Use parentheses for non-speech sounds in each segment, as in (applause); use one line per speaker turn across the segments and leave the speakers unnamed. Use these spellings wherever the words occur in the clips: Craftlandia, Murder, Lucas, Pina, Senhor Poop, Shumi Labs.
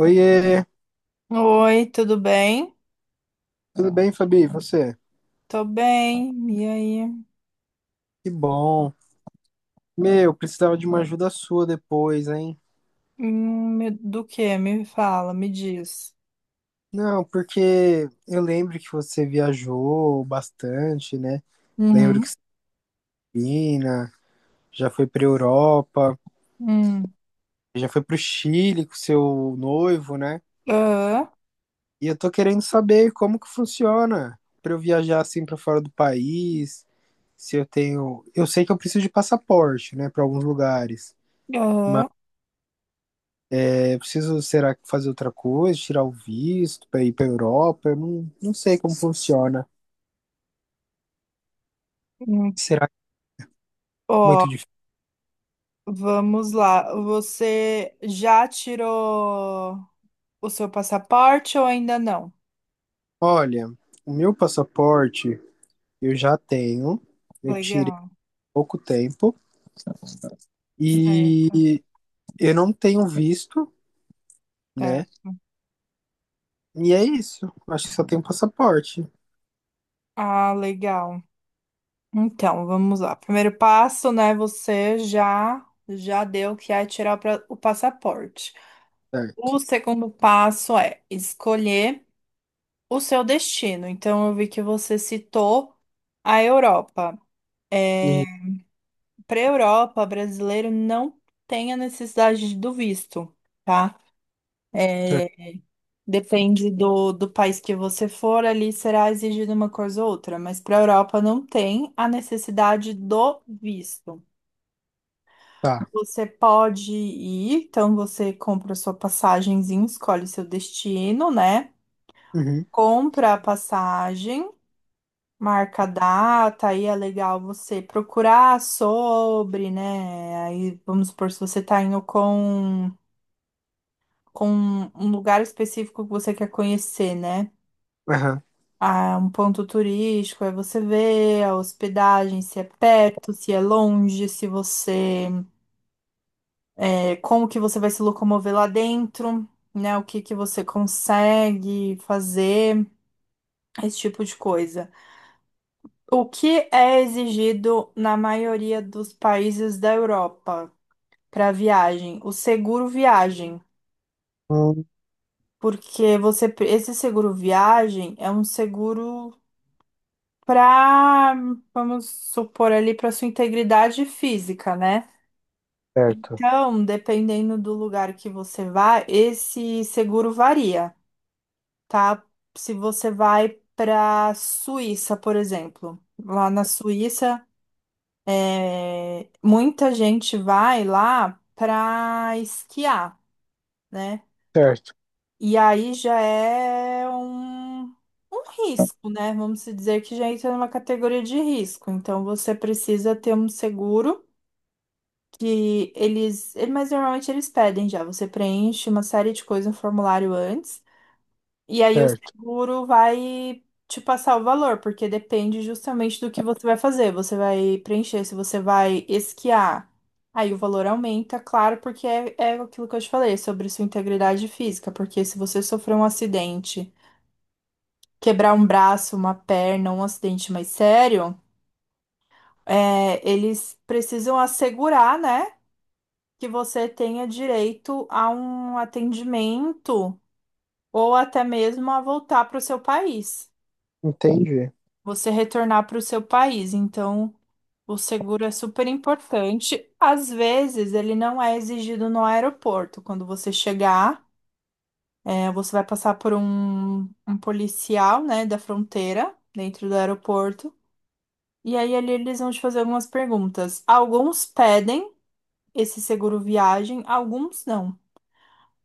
Oiê,
Oi, tudo bem?
tudo bem, Fabi? E você?
Tô bem. E aí?
Que bom. Meu, precisava de uma ajuda sua depois, hein?
Do que? Me fala, me diz.
Não, porque eu lembro que você viajou bastante, né? Lembro que
Uhum.
você é Pina, já foi pra Europa,
Hum.
já foi pro Chile com seu noivo, né?
Ah,
E eu tô querendo saber como que funciona pra eu viajar assim pra fora do país, se eu tenho, eu sei que eu preciso de passaporte, né, pra alguns lugares.
ah,
Eu preciso, será que fazer outra coisa, tirar o visto para ir para Europa? Eu não sei como funciona.
hum.
Será que é
Ó,
muito difícil?
vamos lá. Você já tirou o seu passaporte ou ainda não?
Olha, o meu passaporte eu já tenho, eu tirei
Legal.
há pouco tempo
Certo,
e eu não tenho visto, né?
certo.
E é isso. Acho que só tenho passaporte.
Ah, legal. Então, vamos lá. Primeiro passo, né? Você já deu que é tirar o passaporte. O
Certo.
segundo passo é escolher o seu destino. Então, eu vi que você citou a Europa. É,
E,
para a Europa, brasileiro não tem a necessidade do visto, tá?
certo.
É, depende do país que você for, ali será exigida uma coisa ou outra, mas para a Europa não tem a necessidade do visto.
Tá.
Você pode ir, então você compra sua passagenzinha, escolhe seu destino, né?
Uhum.
Compra a passagem, marca a data, aí é legal você procurar sobre, né? Aí vamos supor, se você tá indo com um lugar específico que você quer conhecer, né?
Aham.
Ah, um ponto turístico, aí você vê a hospedagem, se é perto, se é longe, se você, como que você vai se locomover lá dentro, né? O que que você consegue fazer, esse tipo de coisa. O que é exigido na maioria dos países da Europa para viagem? O seguro viagem,
Hum,
porque esse seguro viagem é um seguro para, vamos supor ali, para sua integridade física, né?
certo.
Então, dependendo do lugar que você vai, esse seguro varia, tá? Se você vai para Suíça, por exemplo, lá na Suíça muita gente vai lá para esquiar, né?
Certo.
E aí já é um risco, né? Vamos se dizer que já entra numa categoria de risco. Então você precisa ter um seguro que mas normalmente eles pedem já. Você preenche uma série de coisas no formulário antes. E aí o
Certo.
seguro vai te passar o valor, porque depende justamente do que você vai fazer. Você vai preencher, se você vai esquiar, aí o valor aumenta, claro, porque é aquilo que eu te falei, é sobre sua integridade física. Porque se você sofrer um acidente, quebrar um braço, uma perna, um acidente mais sério, eles precisam assegurar, né, que você tenha direito a um atendimento ou até mesmo a voltar para o seu país.
Entendi.
Você retornar para o seu país. Então, o seguro é super importante. Às vezes, ele não é exigido no aeroporto. Quando você chegar, você vai passar por um policial, né, da fronteira, dentro do aeroporto. E aí, ali, eles vão te fazer algumas perguntas. Alguns pedem esse seguro viagem, alguns não.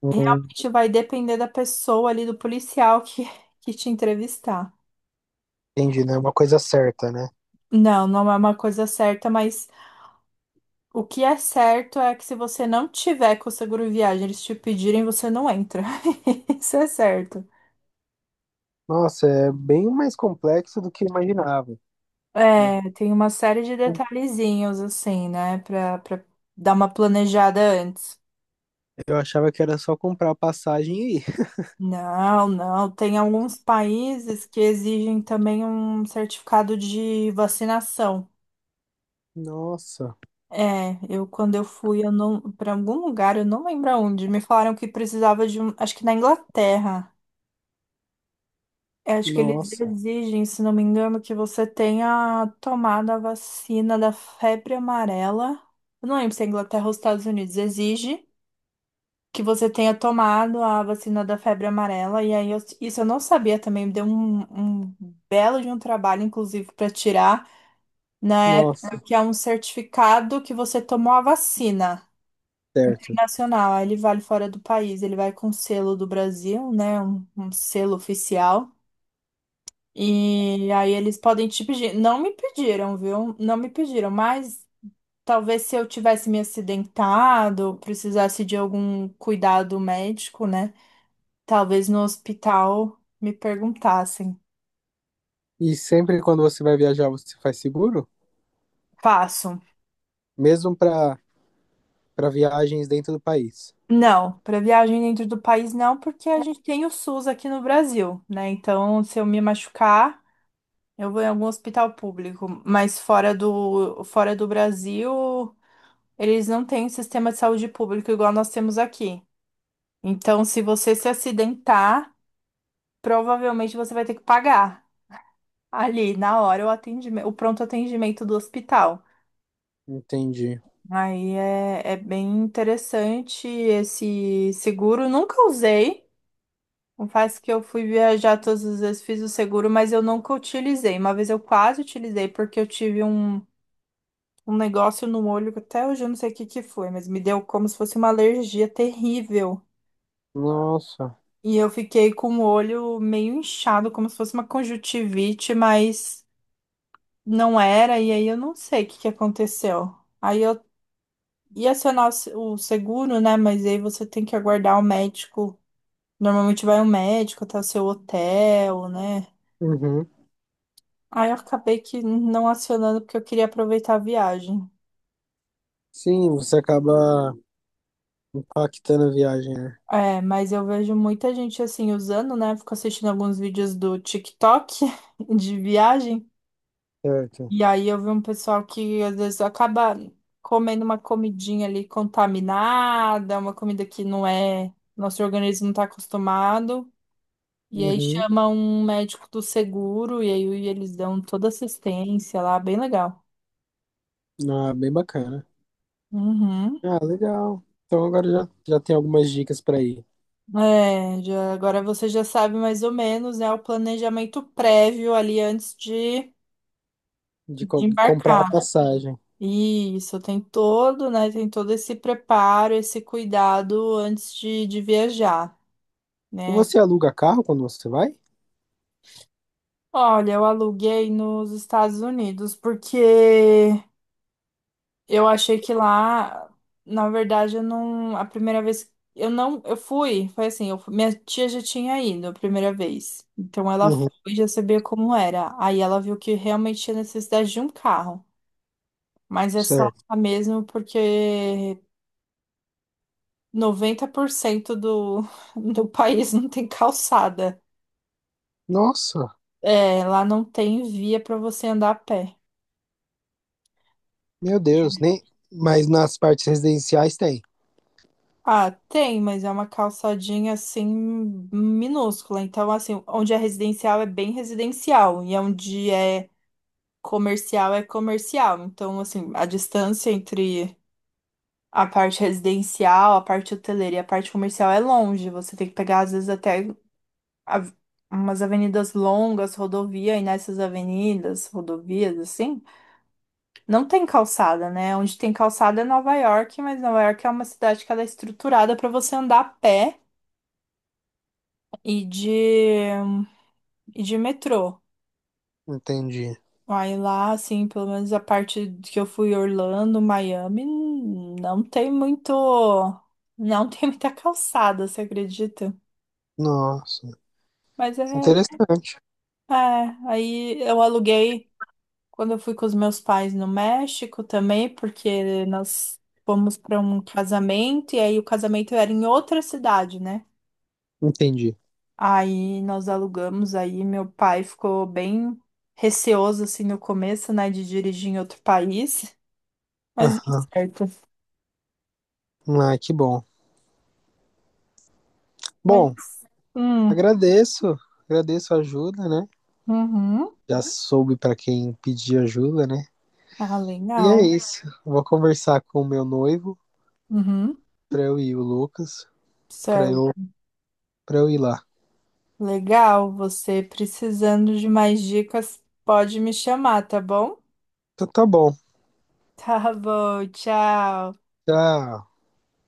Hum,
Realmente vai depender da pessoa ali, do policial que, (laughs) que te entrevistar.
entendi, né? Uma coisa certa, né?
Não, não é uma coisa certa, mas o que é certo é que se você não tiver com o seguro viagem, eles te pedirem, você não entra. (laughs) Isso é certo.
Nossa, é bem mais complexo do que eu imaginava. Eu
É, tem uma série de detalhezinhos assim, né, pra dar uma planejada antes.
achava que era só comprar a passagem e ir.
Não, não. Tem alguns países que exigem também um certificado de vacinação.
Nossa,
É, eu quando eu fui, eu não, para algum lugar, eu não lembro aonde, me falaram que precisava de um, acho que na Inglaterra. Eu acho que eles
nossa,
exigem, se não me engano, que você tenha tomado a vacina da febre amarela. Eu não lembro se é Inglaterra ou Estados Unidos. Exige que você tenha tomado a vacina da febre amarela. E aí, isso eu não sabia também. Me deu um belo de um trabalho, inclusive, para tirar na época,
nossa,
que é um certificado que você tomou a vacina
certo.
internacional. Aí ele vale fora do país. Ele vai com selo do Brasil, né? Um selo oficial. E aí eles podem te pedir. Não me pediram, viu? Não me pediram, mas talvez se eu tivesse me acidentado, precisasse de algum cuidado médico, né? Talvez no hospital me perguntassem.
E sempre quando você vai viajar, você faz seguro?
Faço.
Mesmo para viagens dentro do país.
Não, para viagem dentro do país não, porque a gente tem o SUS aqui no Brasil, né? Então, se eu me machucar, eu vou em algum hospital público, mas fora do Brasil, eles não têm sistema de saúde público igual nós temos aqui. Então, se você se acidentar, provavelmente você vai ter que pagar ali na hora o atendimento, o pronto atendimento do hospital.
Entendi.
Aí é bem interessante esse seguro. Nunca usei. Confesso que eu fui viajar todas as vezes, fiz o seguro, mas eu nunca utilizei. Uma vez eu quase utilizei porque eu tive um negócio no olho que até hoje eu não sei o que que foi, mas me deu como se fosse uma alergia terrível.
Nossa.
E eu fiquei com o olho meio inchado, como se fosse uma conjuntivite, mas não era, e aí eu não sei o que que aconteceu. Aí eu ia acionar o se- o seguro, né? Mas aí você tem que aguardar o médico. Normalmente vai um médico até o seu hotel, né?
Uhum.
Aí eu acabei que não acionando porque eu queria aproveitar a viagem.
Sim, você acaba impactando a viagem, né?
É, mas eu vejo muita gente assim usando, né? Fico assistindo alguns vídeos do TikTok (laughs) de viagem.
Certo.
E aí eu vi um pessoal que às vezes acaba comendo uma comidinha ali contaminada, uma comida que não é, nosso organismo não está acostumado. E aí
Uhum.
chama um médico do seguro e aí eles dão toda assistência lá, bem legal.
Ah, bem bacana.
Uhum.
Ah, legal. Então agora já tem algumas dicas para ir
É, agora você já sabe mais ou menos, né, o planejamento prévio ali antes de,
de
de
comprar a
embarcar.
passagem.
Isso, tem todo, né, tem todo esse preparo, esse cuidado antes de viajar.
E
Né?
você aluga carro quando você vai?
Olha, eu aluguei nos Estados Unidos porque eu achei que lá, na verdade, eu não, a primeira vez eu não, eu fui, foi assim, minha tia já tinha ido a primeira vez. Então ela foi
Uhum,
e já sabia como era. Aí ela viu que realmente tinha necessidade de um carro, mas é só
certo.
lá mesmo porque 90% do (laughs) do país não tem calçada.
Nossa,
É, lá não tem via para você andar a pé.
meu Deus, nem. Mas nas partes residenciais tem.
Ah, tem, mas é uma calçadinha assim minúscula. Então, assim, onde é residencial é bem residencial e onde é comercial é comercial. Então, assim, a distância entre a parte residencial, a parte hoteleira e a parte comercial é longe. Você tem que pegar, às vezes, até av- umas avenidas longas, rodovia, e nessas avenidas, rodovias, assim, não tem calçada, né? Onde tem calçada é Nova York, mas Nova York é uma cidade que ela é estruturada para você andar a pé. e de, e de metrô.
Entendi.
Aí lá, assim, pelo menos a parte que eu fui Orlando, Miami, não tem muito, não tem muita calçada, você acredita?
Nossa,
Mas
interessante.
é, aí eu aluguei quando eu fui com os meus pais no México também, porque nós fomos para um casamento e aí o casamento era em outra cidade, né?
Entendi.
Aí nós alugamos, aí meu pai ficou bem receoso assim no começo, né, de dirigir em outro país, mas deu
Aham.
certo.
Ah, que bom.
Mas,
Bom,
hum,
agradeço, agradeço a ajuda, né?
uhum.
Já soube para quem pedir ajuda, né?
Ah,
E é
legal.
isso. Vou conversar com o meu noivo
Uhum,
para eu ir, o Lucas, para
certo.
eu, para eu ir lá.
Legal, você precisando de mais dicas, pode me chamar, tá bom? (laughs)
Então tá bom.
Tá bom, tchau.
Tchau.